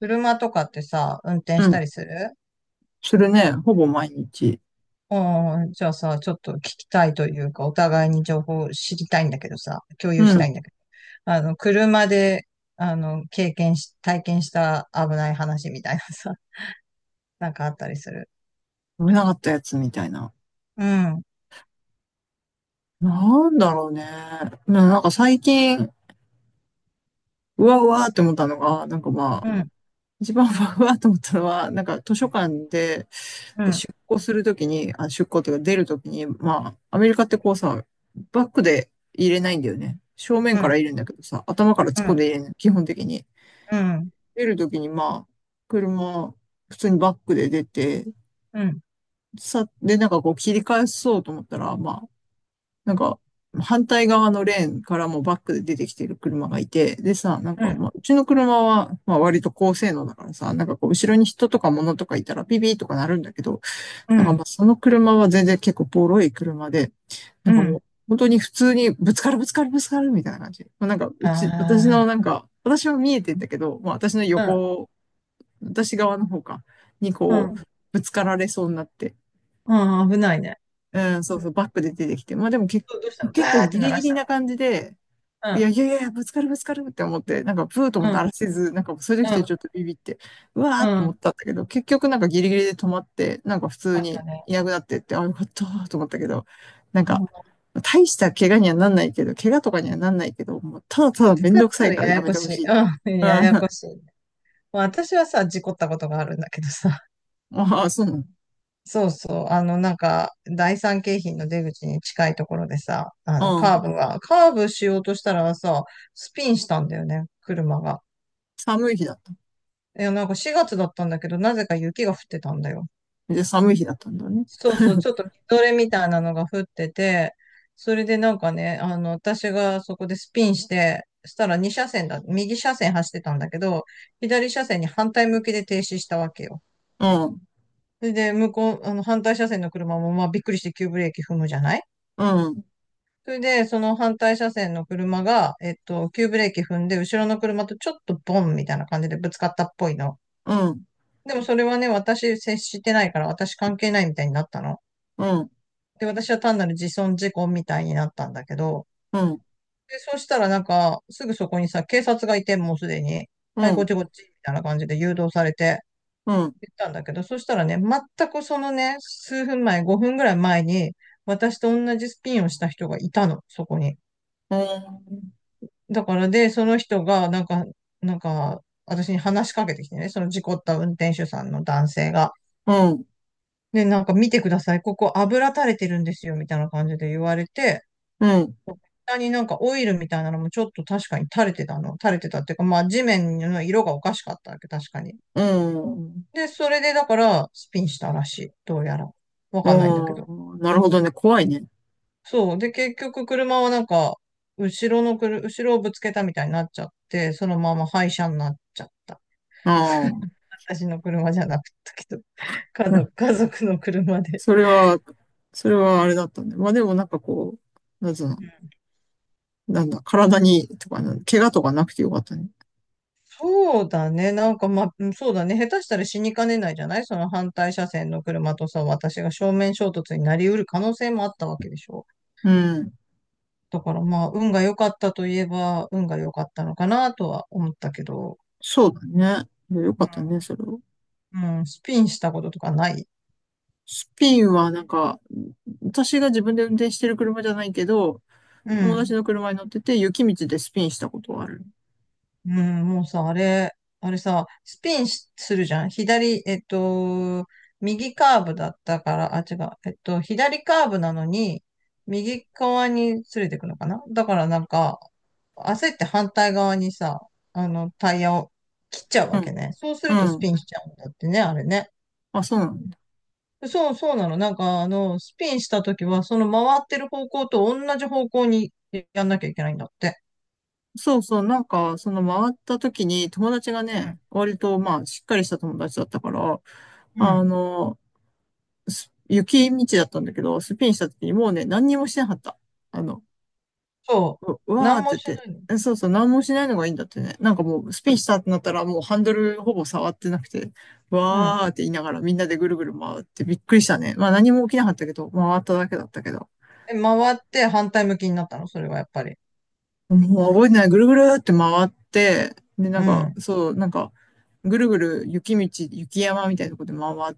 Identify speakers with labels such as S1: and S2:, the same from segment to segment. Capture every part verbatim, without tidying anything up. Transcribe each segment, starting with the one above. S1: 車とかってさ、運転
S2: う
S1: した
S2: ん。
S1: りする？
S2: するね。ほぼ毎日。
S1: うん、じゃあさ、ちょっと聞きたいというか、お互いに情報を知りたいんだけどさ、共有
S2: う
S1: したい
S2: ん。
S1: んだけど、あの、車で、あの、経験し、体験した危ない話みたいなさ、なんかあったりする？
S2: 飲めなかったやつみたいな。
S1: うん、うん、
S2: なんだろうね。ななんか最近、うわうわって思ったのが、なんかま
S1: う
S2: あ、
S1: ん、
S2: 一番うわうわって思ったのは、なんか図書館で
S1: うん、
S2: 出庫するときに、あ、出庫っていうか出るときに、まあ、アメリカってこうさ、バックで入れないんだよね。正面
S1: う
S2: から
S1: ん、
S2: 入れるんだけどさ、頭から
S1: う
S2: 突っ
S1: ん、
S2: 込んで入れるの、基本的に。
S1: うん、
S2: 出るときにまあ、車、普通にバックで出て、
S1: うん、
S2: さ、で、なんかこう切り返そうと思ったら、まあ、なんか、反対側のレーンからもバックで出てきてる車がいて、でさ、なんか、まあ、うちの車は、まあ、割と高性能だからさ、なんかこう、後ろに人とか物とかいたらピピーとかなるんだけど、
S1: う
S2: なんかま
S1: ん、
S2: あ、その車は全然結構ボロい車で、な
S1: う
S2: んかも
S1: ん。
S2: う、本当に普通にぶつかるぶつかるぶつかるみたいな感じ。まあ、なんか、うち、私のな
S1: あ
S2: んか、私は見えてんだけど、まあ、私の
S1: あ、
S2: 横、私側の方か、に
S1: う
S2: こう、
S1: ん、
S2: ぶつかられそうになって、
S1: うん、うん、危ないね。
S2: うん、そうそう、バックで出てきて、まあでもけ
S1: どうどうしたの？バ
S2: 結構
S1: ーって
S2: ギ
S1: 鳴
S2: リ
S1: ら
S2: ギ
S1: し
S2: リな
S1: た
S2: 感じで、い
S1: の？
S2: やいやいやいや、ぶつかるぶつかるって思って、なんかプーと
S1: う
S2: も
S1: ん、う
S2: 鳴
S1: ん、
S2: らせず、なんかそういう時ってちょっとビビって、うわー
S1: うん、
S2: っ
S1: う
S2: て思っ
S1: ん。
S2: たんだけど、結局なんかギリギリで止まって、なんか普通
S1: あった
S2: に
S1: ね。
S2: いなくなってって、あ、よかったーと思ったけど、なんか、大した怪我にはなんないけど、怪我とかにはなんないけど、もうただただめん
S1: 使っ
S2: どくさ
S1: た
S2: い
S1: ら
S2: から
S1: や
S2: や
S1: や
S2: め
S1: こ
S2: て
S1: し
S2: ほ
S1: い。
S2: しいっていう。
S1: うん、ややこしい。まあ、私はさ、事故ったことがあるんだけどさ、
S2: ああ、そうなの。
S1: そうそう、あの、なんか、第三京浜の出口に近いところでさ、あ
S2: う
S1: の、カー
S2: ん。
S1: ブが、カーブしようとしたらさ、スピンしたんだよね、車が。
S2: 寒い日だった。
S1: いや、なんかしがつだったんだけど、なぜか雪が降ってたんだよ。
S2: で、寒い日だったんだね。
S1: そうそう、ちょっとみぞれみたいなのが降ってて、それでなんかね、あの、私がそこでスピンして、したらに車線だ、右車線走ってたんだけど、左車線に反対向きで停止したわけよ。
S2: うん、
S1: それで、向こう、あの、反対車線の車も、まあ、びっくりして急ブレーキ踏むじゃない。
S2: うん、
S1: それで、その反対車線の車が、えっと、急ブレーキ踏んで、後ろの車とちょっとボンみたいな感じでぶつかったっぽいの。
S2: うん、
S1: でもそれはね、私接してないから、私関係ないみたいになったの。
S2: うん、うん、
S1: で、私は単なる自損事故みたいになったんだけど、
S2: うん、
S1: で、そしたらなんか、すぐそこにさ、警察がいて、もうすでに、
S2: う
S1: は
S2: ん、
S1: い、こっ
S2: う
S1: ちこっち、みたいな感じで誘導されて、
S2: ん、
S1: 行ったんだけど、そしたらね、全くそのね、数分前、ごふんぐらい前に、私と同じスピンをした人がいたの、そこに。
S2: うん、
S1: だからで、その人が、なんか、なんか、私に話しかけてきてね、その事故った運転手さんの男性が。で、なんか見てください、ここ油垂れてるんですよ、みたいな感じで言われて、
S2: うん、
S1: 下になんかオイルみたいなのもちょっと確かに垂れてたの。垂れてたっていうか、まあ地面の色がおかしかったわけ、確かに。
S2: うん。
S1: で、それでだからスピンしたらしい。どうやら。わ
S2: あ
S1: かんないんだけど。
S2: あ、なるほどね。怖いね。
S1: そう。で、結局車はなんか、後ろのくる後ろをぶつけたみたいになっちゃって、そのまま廃車になっちゃった。
S2: ああ、
S1: 私の車じゃなかったけど、家
S2: うん
S1: 族、家族の車で。
S2: それは、それはあれだったね。まあでもなんかこう、なんつうの、なんだ、体に、とかな、怪我とかなくてよかったね。
S1: そうだね。なんか、まあ、うんそうだね。下手したら死にかねないじゃない。その反対車線の車とさ、私が正面衝突になりうる可能性もあったわけでしょ。
S2: うん。
S1: だからまあ、運が良かったといえば、運が良かったのかなとは思ったけど、
S2: そうだね。いやよ
S1: う
S2: かったね、
S1: ん。
S2: それを。
S1: うん、スピンしたこととかない？
S2: スピンはなんか、私が自分で運転してる車じゃないけど、
S1: う
S2: 友達
S1: ん。
S2: の車に乗ってて、雪道でスピンしたことはある。
S1: うん、もうさ、あれ、あれさ、スピンしするじゃん。左、えっと、右カーブだったから、あ、違う、えっと、左カーブなのに、右側に連れてくのかな。だからなんか、焦って反対側にさ、あの、タイヤを切っちゃう
S2: う
S1: わけ
S2: ん。
S1: ね。そうす
S2: う
S1: るとス
S2: ん。
S1: ピンしちゃうんだってね、あれね。
S2: あ、そうなんだ。
S1: そう、そうなの。なんか、あの、スピンした時は、その回ってる方向と同じ方向にやんなきゃいけないんだって。
S2: そうそう、なんか、その回った時に友達がね、割とまあ、しっかりした友達だったから、
S1: うん。う
S2: あ
S1: ん。
S2: の、す雪道だったんだけど、スピンした時にもうね、何にもしてなかった。あの、
S1: そ
S2: う、う
S1: う。
S2: わー
S1: なん
S2: っ
S1: も
S2: て
S1: し
S2: 言って、
S1: ない
S2: えそうそう、何もしないのがいいんだってね。なんかもう、スピンしたってなったら、もうハンドルほぼ触ってなくて、わ
S1: の？
S2: ーって言いながらみんなでぐるぐる回ってびっくりしたね。まあ何も起きなかったけど、回っただけだったけど。
S1: え、回って反対向きになったの、それはやっぱり？
S2: もう覚えてない。ぐるぐるって回って、で、な
S1: う
S2: んか、
S1: ん。
S2: そう、なんか、ぐるぐる雪道、雪山みたいなとこで回っ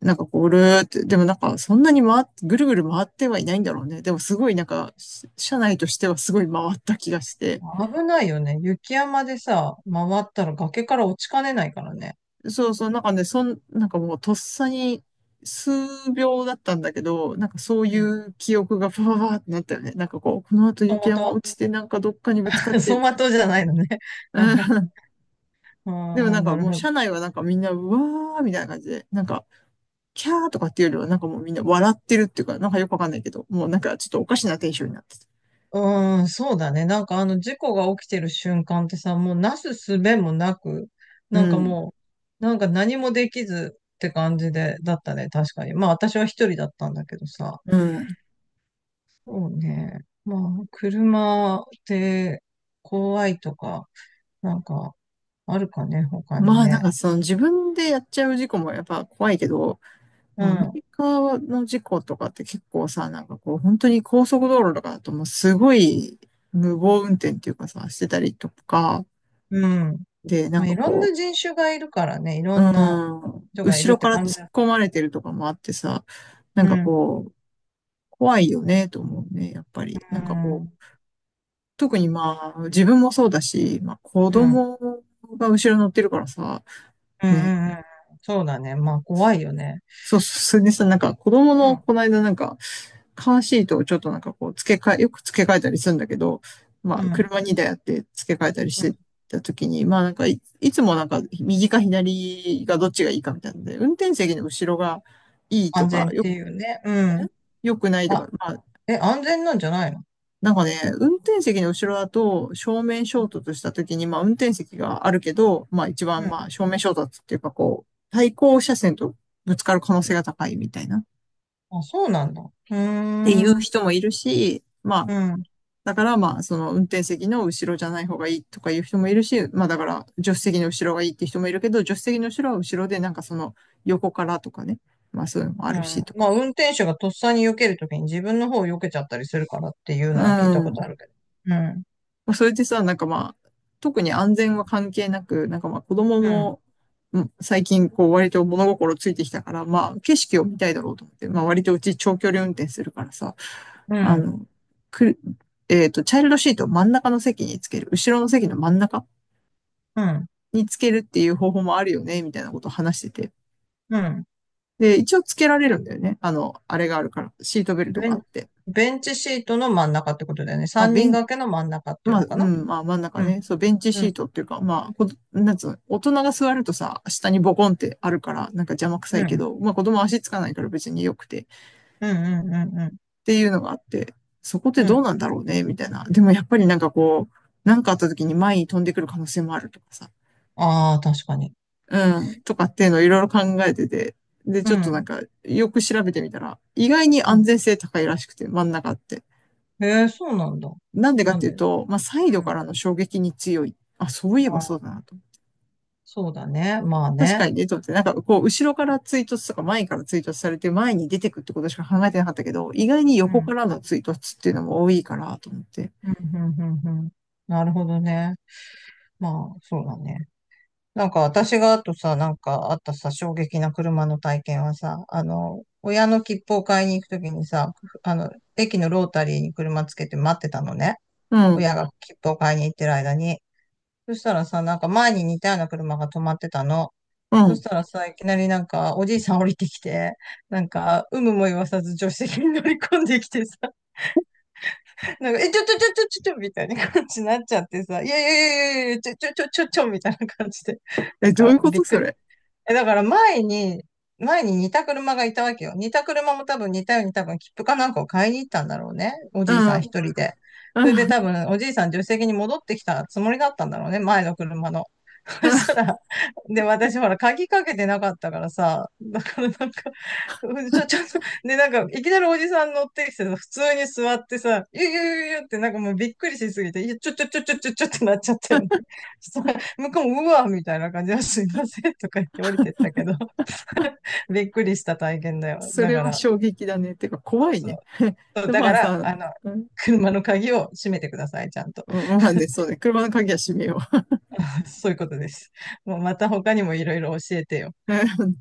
S2: なんかこう、るーって、でもなんかそんなに回っ、ぐるぐる回ってはいないんだろうね。でもすごいなんか、社内としてはすごい回った気がして。
S1: 危ないよね。雪山でさ、回ったら崖から落ちかねないからね。
S2: そうそう、なんかね、そん、なんかもうとっさに数秒だったんだけど、なんかそう
S1: う
S2: い
S1: ん。
S2: う記憶がパパーってなったよね。なんかこう、この後
S1: 走
S2: 雪
S1: 馬
S2: 山
S1: 灯。
S2: 落ちてなんかどっかにぶつかっ て
S1: 走
S2: み
S1: 馬
S2: たい
S1: 灯じゃないのね。
S2: な。うん。でも
S1: ああ、
S2: なん
S1: な
S2: か
S1: る
S2: も
S1: ほ
S2: う
S1: ど。
S2: 社内はなんかみんな、うわーみたいな感じで、なんか、キャーとかっていうよりはなんかもうみんな笑ってるっていうか、なんかよくわかんないけど、もうなんかちょっとおかしなテンションになってた。
S1: うーん、そうだね。なんかあの事故が起きてる瞬間ってさ、もうなすすべもなく、
S2: う
S1: なんか
S2: ん。
S1: もう、なんか何もできずって感じで、だったね。確かに。まあ私は一人だったんだけどさ。
S2: うん。
S1: そうね。まあ、車って怖いとか、なんか、あるかね、他に
S2: まあなん
S1: ね。
S2: かその自分でやっちゃう事故もやっぱ怖いけど、
S1: う
S2: まあアメ
S1: ん、
S2: リカの事故とかって結構さ、なんかこう本当に高速道路とかだともうすごい無謀運転っていうかさ、してたりとか、
S1: うん。
S2: でな
S1: ま
S2: ん
S1: あ、
S2: か
S1: いろん
S2: こ
S1: な人種がいるからね、いろ
S2: う、
S1: んな
S2: うん、
S1: 人がい
S2: 後
S1: るっ
S2: ろ
S1: て
S2: から
S1: 感じ
S2: 突っ
S1: だ。
S2: 込まれてるとかもあってさ、なん
S1: う
S2: か
S1: ん、
S2: こう、怖いよねと思うね、やっぱり。
S1: う
S2: なんか
S1: ん、
S2: こ
S1: うん、
S2: う、特にまあ自分もそうだし、まあ子
S1: うん、
S2: 供が後ろ乗ってるからさ、
S1: うん、
S2: ね、
S1: うん。そうだね。まあ、怖いよね。
S2: そう、それでさ、なんか子供
S1: う
S2: の
S1: ん、
S2: この間なんか、カーシートをちょっとなんかこう、付け替え、よく付け替えたりするんだけど、ま
S1: う
S2: あ、
S1: ん。
S2: 車にだいあって付け替えたりし
S1: うん、
S2: てた時に、まあなんかい、いつもなんか、右か左がどっちがいいかみたいなので、運転席の後ろがいいと
S1: 安
S2: か、
S1: 全っ
S2: よ、
S1: ていうね。うん。
S2: よくないと
S1: あ、
S2: か、まあ、
S1: え、安全なんじゃないの？
S2: なんかね、運転席の後ろだと正面衝突した時に、まあ運転席があるけど、まあ一
S1: う
S2: 番ま
S1: ん。
S2: あ正面衝突っていうかこう、対向車線とぶつかる可能性が高いみたいなっ
S1: あ、そうなんだ。うー
S2: ていう
S1: ん。
S2: 人もいるし、まあ
S1: うん。
S2: だからまあ、その運転席の後ろじゃない方がいいとかいう人もいるし、まあだから助手席の後ろがいいって人もいるけど、助手席の後ろは後ろでなんかその横からとかね、まあそういうのもあ
S1: う
S2: るし
S1: ん。
S2: とか。
S1: まあ、運転手がとっさに避けるときに自分の方を避けちゃったりするからっていう
S2: う
S1: のは聞いたことあ
S2: ん。
S1: るけど。うん。
S2: まあそれでさ、なんかまあ、特に安全は関係なく、なんかまあ子供
S1: うん。
S2: も、うん最近こう割と物心ついてきたから、まあ景色を見たいだろうと思って、まあ割とうち長距離運転するからさ、
S1: う
S2: あ
S1: ん。
S2: の、くる、えっと、チャイルドシートを真ん中の席につける。後ろの席の真ん中
S1: うん。
S2: につけるっていう方法もあるよね、みたいなことを話してて。
S1: うん。
S2: で、一応つけられるんだよね。あの、あれがあるから、シートベルト
S1: ベ
S2: があっ
S1: ン、
S2: て。
S1: ベンチシートの真ん中ってことだよね。
S2: まあ、
S1: 三
S2: ベ
S1: 人
S2: ン、
S1: 掛けの真ん中っていう
S2: ま
S1: の
S2: あ、
S1: か
S2: う
S1: な？
S2: ん、まあ真ん中
S1: うん、
S2: ね、そう、ベンチ
S1: う
S2: シー
S1: ん、
S2: トっていうか、まあ、こなんつうの、大人が座るとさ、下にボコンってあるから、なんか邪魔く
S1: う
S2: さ
S1: ん、う
S2: いけ
S1: ん、
S2: ど、まあ子供足つかないから別に良くて、っ
S1: うん、うん、
S2: ていうのがあって、そこって
S1: う
S2: どう
S1: ん。
S2: なんだろうね、みたいな。でもやっぱりなんかこう、なんかあった時に前に飛んでくる可能性もあるとかさ、
S1: ああ、確かに。
S2: うん、とかっていうのをいろいろ考えてて、で、
S1: う
S2: ちょっとなん
S1: ん、
S2: か、よく調べてみたら、意外に
S1: う
S2: 安
S1: ん。
S2: 全性高いらしくて、真ん中って。
S1: へえ、そうなんだ。
S2: なんでかっ
S1: なん
S2: てい
S1: で？
S2: う
S1: う
S2: と、まあ、サイドか
S1: ん。
S2: らの衝撃に強い。あ、そういえ
S1: ま
S2: ばそ
S1: あ、
S2: うだなと。
S1: そうだね。まあ
S2: 確
S1: ね。
S2: かにね、と思って、なんかこう、後ろから追突とか前から追突されて前に出てくってことしか考えてなかったけど、意外に
S1: う
S2: 横
S1: ん、
S2: からの追突っていうのも多いから、と思って。
S1: うん、うん、うん。うん、なるほどね。まあ、そうだね。なんか私があとさ、なんかあったさ、衝撃な車の体験はさ、あの、親の切符を買いに行くときにさ、あの、駅のロータリーに車つけて待ってたのね。
S2: う
S1: 親
S2: ん、
S1: が切符を買いに行ってる間に。そしたらさ、なんか前に似たような車が止まってたの。
S2: う
S1: そし
S2: ん。
S1: たらさ、いきなりなんかおじいさん降りてきて、なんか、有無も言わさず助手席に乗り込んできてさ、なんか、え、ちょちょちょちょちょちょみたいな感じになっちゃってさ、いやいやいやいやいや、ちょちょちょちょちょみたいな感じで、な
S2: え、
S1: ん
S2: どうい
S1: か
S2: うこ
S1: びっ
S2: と
S1: く
S2: そ
S1: り。
S2: れ。
S1: え、だから前に、前に似た車がいたわけよ。似た車も多分似たように多分切符かなんかを買いに行ったんだろうね。お
S2: う
S1: じい
S2: ん、
S1: さ
S2: う
S1: ん
S2: ん、
S1: 一人で。それで多分おじいさん助手席に戻ってきたつもりだったんだろうね。前の車の。そ
S2: う
S1: した
S2: ん。
S1: ら、で、私ほら鍵かけてなかったからさ、だからなんか、うんちょ、ちょっと、で、なんか、いきなりおじさん乗ってきてさ、普通に座ってさ、ゆゆゆゆってなんかもうびっくりしすぎて、いやちょちょちょちょちょちょってなっちゃったよね。向こうも、うわみたいな感じで、すいませんとか言って降りてったけど、びっくりした体験だよ。
S2: そ
S1: だ
S2: れ
S1: か
S2: は
S1: ら、
S2: 衝撃だね。てか、怖いね。
S1: そう
S2: で、
S1: だ
S2: ま
S1: か
S2: あ
S1: ら、
S2: さ、
S1: あの、
S2: うん
S1: 車の鍵を閉めてください、ちゃんと。
S2: うん、まあね、そうね。車の鍵は閉めよ
S1: そういうことです。もうまた他にもいろいろ教えてよ。
S2: う。